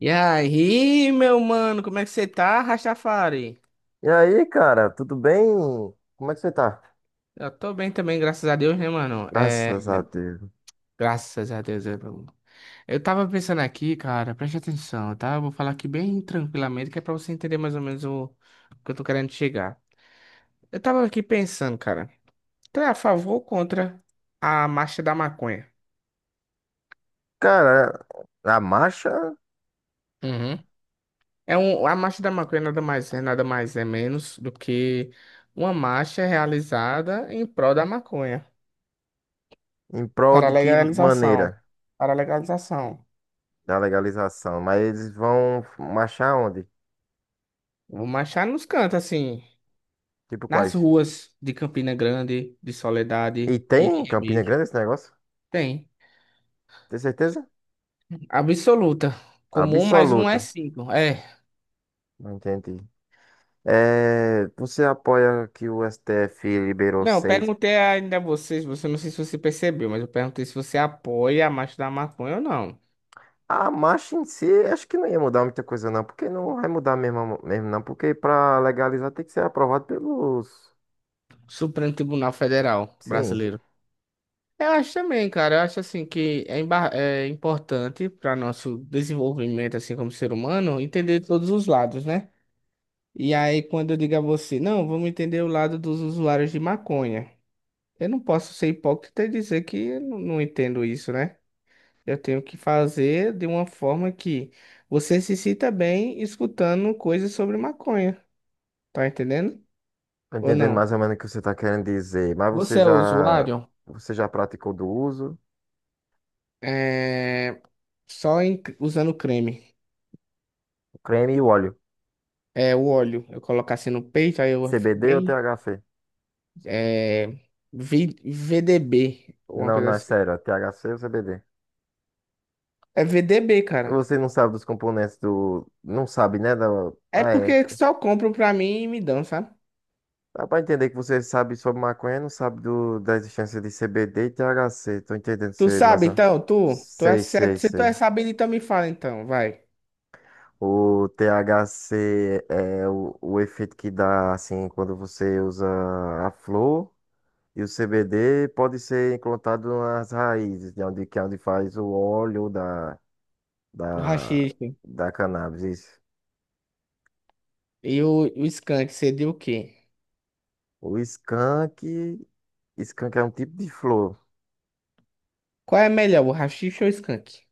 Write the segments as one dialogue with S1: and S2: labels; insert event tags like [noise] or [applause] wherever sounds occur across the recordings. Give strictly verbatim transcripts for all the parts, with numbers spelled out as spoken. S1: E aí, meu mano, como é que você tá, Rastafari?
S2: E aí, cara, tudo bem? Como é que você tá?
S1: Eu tô bem também, graças a Deus, né, mano? É,
S2: Graças a Deus.
S1: graças a Deus. Eu eu tava pensando aqui, cara, preste atenção, tá? Eu vou falar aqui bem tranquilamente, que é pra você entender mais ou menos o o que eu tô querendo chegar. Eu tava aqui pensando, cara, tu é a favor ou contra a marcha da maconha?
S2: Cara, a marcha
S1: Uhum. É um, a marcha da maconha nada mais é, nada mais é menos do que uma marcha realizada em prol da maconha.
S2: em prol
S1: Para a
S2: de que
S1: legalização.
S2: maneira?
S1: Para a legalização.
S2: Da legalização. Mas eles vão marchar onde?
S1: Vou marchar nos cantos, assim.
S2: Tipo
S1: Nas
S2: quais?
S1: ruas de Campina Grande, de
S2: E
S1: Soledade e de
S2: tem em Campina
S1: Remígio.
S2: Grande esse negócio?
S1: Tem.
S2: Tem certeza?
S1: Absoluta. Comum, mas um é
S2: Absoluta.
S1: cinco. É.
S2: Não entendi. É, você apoia que o S T F liberou
S1: Não, eu
S2: seis?
S1: perguntei ainda a vocês, você não sei se você percebeu, mas eu perguntei se você apoia a marcha da maconha ou não.
S2: A marcha em si, acho que não ia mudar muita coisa não, porque não vai mudar mesmo, mesmo não, porque para legalizar tem que ser aprovado pelos...
S1: Supremo Tribunal Federal
S2: Sim.
S1: brasileiro. Eu acho também, cara. Eu acho assim que é, emba- é importante para nosso desenvolvimento, assim como ser humano, entender todos os lados, né? E aí, quando eu digo a você, não, vamos entender o lado dos usuários de maconha. Eu não posso ser hipócrita e dizer que eu não não entendo isso, né? Eu tenho que fazer de uma forma que você se sinta bem escutando coisas sobre maconha. Tá entendendo? Ou
S2: Entendendo
S1: não?
S2: mais ou menos o que você está querendo dizer, mas
S1: Você
S2: você
S1: é
S2: já,
S1: usuário?
S2: você já praticou do uso,
S1: É... Só em- usando creme.
S2: o creme e o óleo,
S1: É, o óleo. Eu coloco assim no peito, aí eu fico
S2: C B D ou
S1: bem.
S2: T H C?
S1: É... vi- V D B, alguma
S2: Não,
S1: coisa
S2: não, é
S1: assim.
S2: sério, é T H C ou C B D?
S1: É V D B, cara.
S2: Você não sabe dos componentes do, não sabe, né, da,
S1: É
S2: ah, é,
S1: porque só compram pra mim e me dão, sabe?
S2: dá pra entender que você sabe sobre maconha, não sabe do, da existência de C B D e T H C, tô entendendo
S1: Tu
S2: você, mas,
S1: sabe,
S2: ó,
S1: então, tu, tu é,
S2: sei, sei,
S1: certo- se tu é
S2: sei.
S1: sabido, então me fala, então, vai.
S2: O T H C é o, o efeito que dá, assim, quando você usa a flor. E o C B D pode ser encontrado nas raízes, de onde, que é onde faz o óleo da,
S1: O
S2: da,
S1: rachixe
S2: da cannabis. Isso.
S1: e o, o skunk, seria o quê?
S2: O skunk, skunk é um tipo de flor.
S1: Qual é melhor, o rachixe ou o skunk?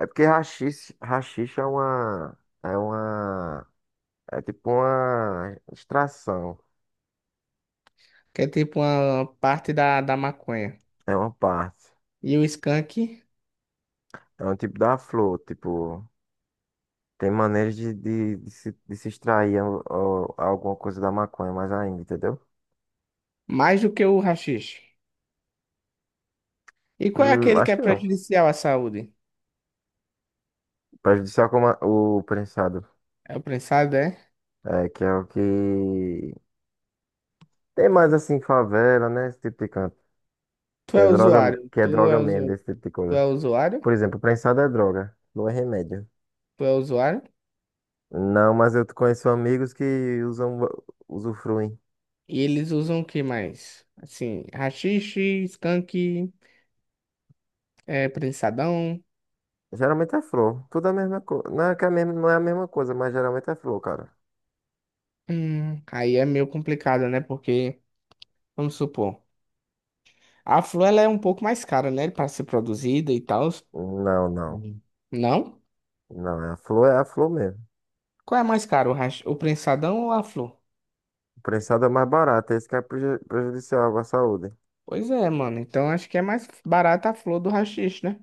S2: É porque haxixe, haxixe é uma, é uma, é tipo uma extração,
S1: Que é tipo uma parte da, da maconha.
S2: é uma parte.
S1: E o skunk,
S2: É um tipo da flor, tipo, tem maneiras de, de, de se, de se extrair a- a- alguma coisa da maconha mais ainda, entendeu?
S1: mais do que o rachixe. E qual é
S2: Hum,
S1: aquele que
S2: acho
S1: é
S2: que não.
S1: prejudicial à saúde?
S2: Prejudicial como a- o prensado.
S1: É o prensado, é?
S2: É, que é o que tem mais assim, em favela, né? Esse tipo de canto.
S1: Tu
S2: Que
S1: é
S2: é droga,
S1: usuário,
S2: que é
S1: tu
S2: droga
S1: é,
S2: mesmo,
S1: usu,
S2: desse tipo de
S1: tu é
S2: coisa.
S1: usuário,
S2: Por exemplo, prensado é droga, não é remédio.
S1: tu é usuário.
S2: Não, mas eu conheço amigos que usam, usufruem.
S1: E eles usam o que mais? Assim, rachixe, skunk... É prensadão.
S2: Geralmente é flor, tudo é a mesma coisa. Não é que é a mesma, não é a mesma coisa, mas geralmente é flor, cara.
S1: Hum, aí é meio complicado, né? Porque, vamos supor, a flor ela é um pouco mais cara, né? Para ser produzida e tal.
S2: Não, não.
S1: Hum. Não?
S2: Não, é a flor é a flor mesmo.
S1: Qual é mais caro, o, hash... o prensadão ou a flor?
S2: O prensado é mais barato, esse que é preju- prejudicial à saúde.
S1: Pois é, mano. Então acho que é mais barata a flor do haxixe, né?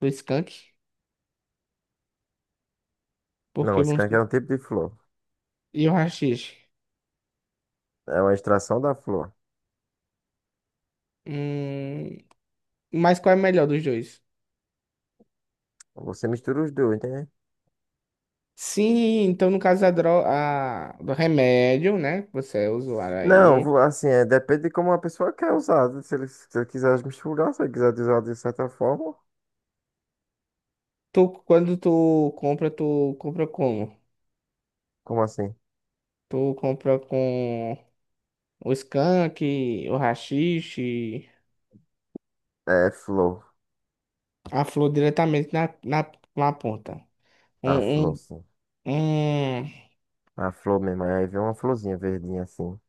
S1: Do skunk.
S2: Não,
S1: Porque
S2: esse
S1: vamos.
S2: canque
S1: su-
S2: é um tipo de flor.
S1: E o haxixe?
S2: É uma extração da flor.
S1: Hum... Mas qual é melhor dos dois?
S2: Você mistura os dois, entendeu?
S1: Sim, então no caso da dro... a... do remédio, né? Que você é usuário
S2: Não,
S1: aí.
S2: vo- Assim, é, depende de como a pessoa quer usar, né? Se ele, se ele quiser misturar, se ele quiser usar de certa forma.
S1: Tu, quando tu compra, tu compra como?
S2: Como assim?
S1: Tu compra com o skunk, o haxixe,
S2: É flor.
S1: a flor diretamente na, na, na ponta.
S2: A flor,
S1: Um,
S2: sim.
S1: um, um.
S2: A flor mesmo. Aí vem uma florzinha verdinha assim.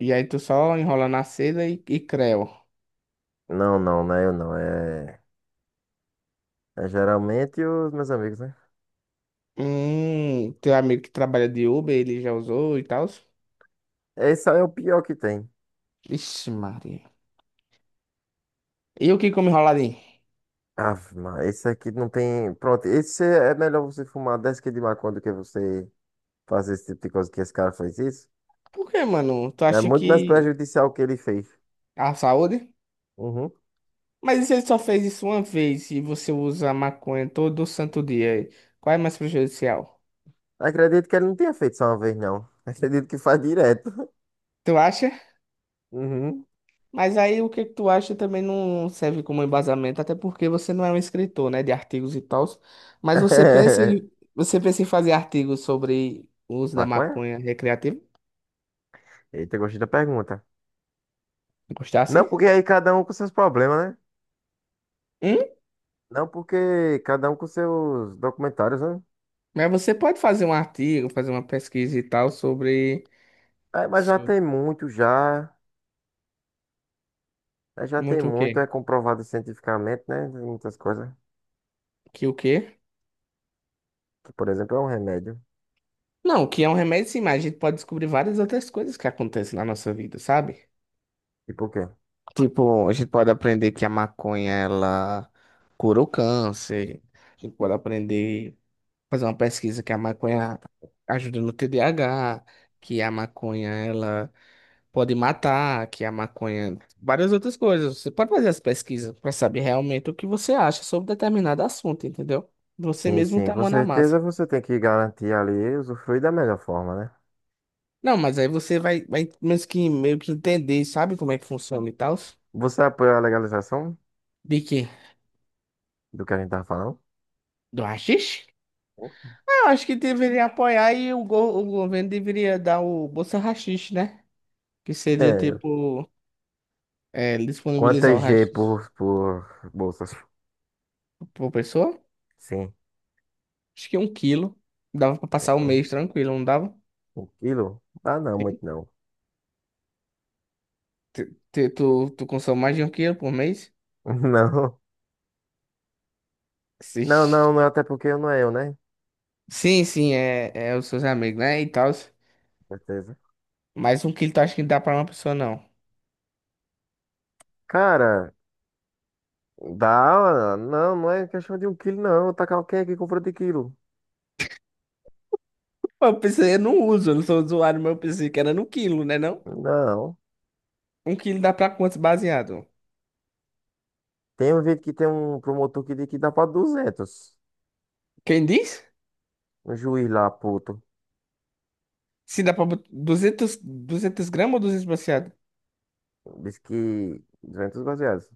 S1: E aí tu só enrola na seda e, e creu.
S2: Não, não, não é eu não. É, é geralmente os meus amigos, né?
S1: Hum, teu amigo que trabalha de Uber, ele já usou e tal?
S2: Esse aí é o pior que tem.
S1: Ixi, Maria. E o que come enroladinho?
S2: Ah, mas esse aqui não tem. Pronto, esse é melhor você fumar dez quilos de maconha do que você fazer esse tipo de coisa que esse cara fez isso.
S1: Por que, mano? Tu
S2: É
S1: acha
S2: muito mais
S1: que
S2: prejudicial o que ele fez.
S1: a saúde?
S2: Uhum.
S1: Mas e se ele só fez isso uma vez e você usa maconha todo santo dia, qual é mais prejudicial?
S2: Acredito que ele não tinha feito só uma vez, não. Acredito que faz direto.
S1: Tu acha?
S2: Uhum.
S1: Mas aí o que que tu acha também não serve como embasamento, até porque você não é um escritor, né, de artigos e tal. Mas você pensa
S2: [laughs]
S1: em, você pensa em fazer artigos sobre o uso da
S2: Maconha?
S1: maconha recreativa?
S2: Eita, gostei da pergunta. Não,
S1: Gostasse?
S2: porque aí cada um com seus problemas, né?
S1: Hum?
S2: Não, porque cada um com seus documentários, né?
S1: Mas você pode fazer um artigo, fazer uma pesquisa e tal sobre,
S2: É, mas já
S1: sobre
S2: tem muito, já. É, já tem
S1: muito o
S2: muito,
S1: quê?
S2: é comprovado cientificamente, né? Tem muitas coisas.
S1: Que o quê?
S2: Que, por exemplo, é um remédio.
S1: Não, que é um remédio, sim, mas a gente pode descobrir várias outras coisas que acontecem na nossa vida, sabe?
S2: E por quê?
S1: Tipo, a gente pode aprender que a maconha ela cura o câncer. A gente pode aprender, fazer uma pesquisa que a maconha ajuda no T D A H, que a maconha ela pode matar, que a maconha, várias outras coisas. Você pode fazer as pesquisas para saber realmente o que você acha sobre determinado assunto, entendeu? Você
S2: Sim,
S1: mesmo
S2: sim,
S1: tá a
S2: com
S1: mão na
S2: certeza
S1: massa.
S2: você tem que garantir ali usufruir da melhor forma, né?
S1: Não, mas aí você vai, vai meio que, meio que entender, sabe como é que funciona e tal?
S2: Você apoia a legalização
S1: De quê?
S2: do que a gente tá falando?
S1: Do haxixe?
S2: [laughs]
S1: Eu acho que deveria apoiar e o, go- o governo deveria dar o Bolsa Rachixe, né? Que seria
S2: É.
S1: tipo, é, disponibilizar o
S2: Quantas G
S1: rachixe
S2: por, por bolsas?
S1: por pessoa.
S2: Sim.
S1: Acho que um quilo. Dava pra passar um mês tranquilo, não dava?
S2: Um quilo? Ah, não,
S1: Sim.
S2: muito não.
S1: Tu, tu, tu tu consome mais de um quilo por mês?
S2: [laughs] Não.
S1: Sim,
S2: Não, não, não, até porque não é eu, né?
S1: sim, sim, é, é os seus amigos, né? E tal.
S2: Com certeza.
S1: Mas um quilo tu acha que dá pra uma pessoa, não?
S2: Cara, dá. Não, não é questão de um quilo, não. Tá, cal- quem é que comprou de quilo?
S1: Pô, eu pensei, eu não uso, eu não sou usuário, mas eu pensei que era no quilo, né não?
S2: Não.
S1: Um quilo dá pra quantos baseado?
S2: Tem um vídeo que tem um promotor que diz que dá pra duzentos.
S1: Quem diz?
S2: Um juiz lá, puto.
S1: Sim, dá pra botar duzentos 200 gramas ou duzentos baseado?
S2: Diz que duzentos baseados.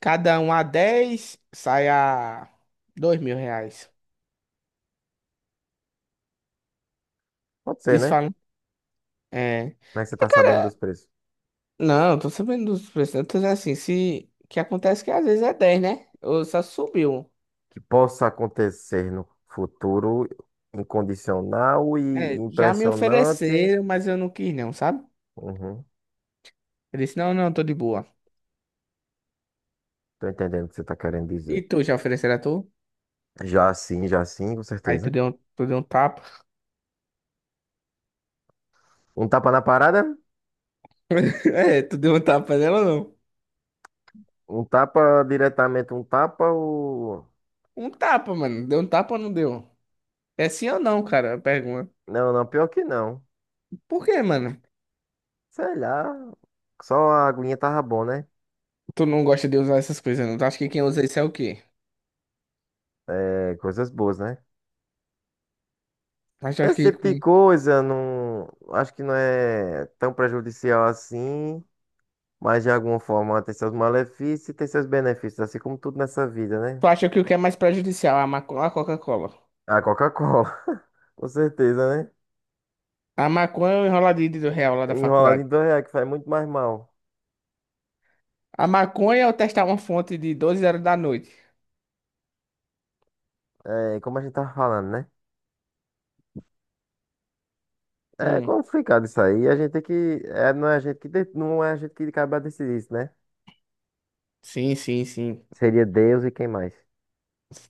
S1: Cada um a dez sai a dois mil reais.
S2: Pode ser,
S1: Isso
S2: né?
S1: falam. É.
S2: Como é que você
S1: Mas,
S2: tá sabendo dos
S1: cara,
S2: preços?
S1: não, eu tô sabendo dos preços. Eu tô dizendo assim, se... que acontece que às vezes é dez, né? Ou só subiu.
S2: Que possa acontecer no futuro incondicional e
S1: É, já me
S2: impressionante.
S1: ofereceram, mas eu não quis não, sabe?
S2: Uhum.
S1: Eu disse, não, não, tô de boa.
S2: Tô entendendo o que você tá querendo
S1: E
S2: dizer.
S1: tu, já ofereceram a tu?
S2: Já sim, já sim, com
S1: Aí tu
S2: certeza.
S1: deu um, tu deu um tapa. [laughs]
S2: Um tapa na parada?
S1: É, tu deu um tapa nela ou não?
S2: Um tapa diretamente, um tapa ou...
S1: Um tapa, mano. Deu um tapa ou não deu? É sim ou não, cara? Pergunta.
S2: Não, não, pior que não.
S1: Por quê, mano?
S2: Sei lá, só a aguinha tava bom, né?
S1: Tu não gosta de usar essas coisas, não? Tu acha que quem usa isso é o quê?
S2: É, coisas boas, né?
S1: Mas tu acha
S2: Esse
S1: que...
S2: tipo de coisa não... Acho que não é tão prejudicial assim. Mas de alguma forma ela tem seus malefícios e tem seus benefícios, assim como tudo nessa vida, né?
S1: Tu acha que o que é mais prejudicial? é A maconha ou a Coca-Cola?
S2: A Coca-Cola, [laughs] com certeza, né?
S1: A maconha é o enroladinho do real lá da
S2: Enrolado
S1: faculdade.
S2: em dois reais, que faz muito mais mal.
S1: A maconha é eu testar uma fonte de doze horas da noite.
S2: É, como a gente tava falando, né? É
S1: Hum.
S2: complicado isso aí. A gente tem que. É, não é a gente que, de- não é a gente que acaba decidir isso, né?
S1: Sim, sim, sim.
S2: Seria Deus e quem mais?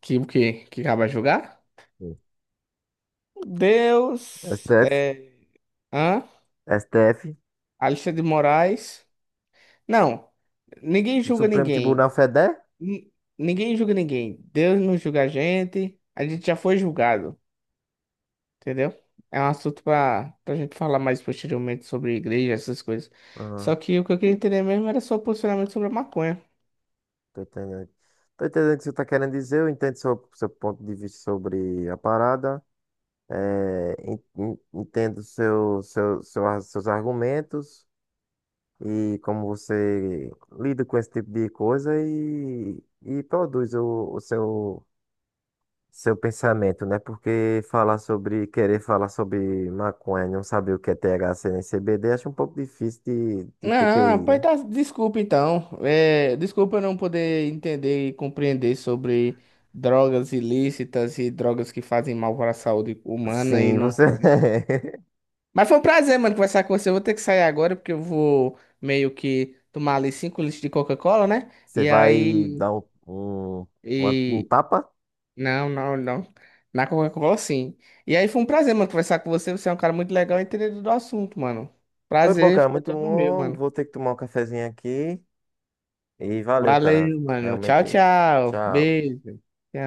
S1: Que o quê? Que acaba jogar?
S2: Sim.
S1: Deus...
S2: S T F?
S1: É... Hã?
S2: S T F?
S1: Alexandre de Moraes... Não. Ninguém
S2: O
S1: julga
S2: Supremo Tribunal
S1: ninguém.
S2: Federal?
S1: Ni- Ninguém julga ninguém. Deus não julga a gente. A gente já foi julgado. Entendeu? É um assunto pra, pra gente falar mais posteriormente sobre igreja, essas coisas. Só
S2: Ah,
S1: que o que eu queria entender mesmo era seu posicionamento sobre a maconha.
S2: tô entendendo. Tô entendendo o que você tá querendo dizer. Eu entendo seu, seu ponto de vista sobre a parada. É, en- en- entendo seu, seu, seu ar- seus argumentos e como você lida com esse tipo de coisa e, e produz o, o seu, seu pensamento, né? Porque falar sobre, querer falar sobre maconha e não saber o que é T H C nem C B D, acho um pouco difícil de, de ter que
S1: Ah,
S2: ir,
S1: pois
S2: né?
S1: tá, desculpa então. É, desculpa eu não poder entender e compreender sobre drogas ilícitas e drogas que fazem mal para a saúde humana e
S2: Sim,
S1: não.
S2: você,
S1: Mas foi um prazer, mano, conversar com você. Eu vou ter que sair agora porque eu vou meio que tomar ali cinco litros de Coca-Cola, né?
S2: [laughs] você
S1: E
S2: vai
S1: aí.
S2: dar um, um, uma- um
S1: e
S2: tapa?
S1: Não, não, não. Na Coca-Cola, sim. E aí foi um prazer, mano, conversar com você. Você é um cara muito legal e entendido do assunto, mano.
S2: Foi bom,
S1: Prazer,
S2: cara,
S1: foi
S2: muito
S1: todo meu,
S2: bom.
S1: mano.
S2: Vou ter que tomar um cafezinho aqui. E valeu, cara.
S1: Valeu, mano. Tchau,
S2: Realmente,
S1: tchau.
S2: tchau.
S1: Beijo. Tchau.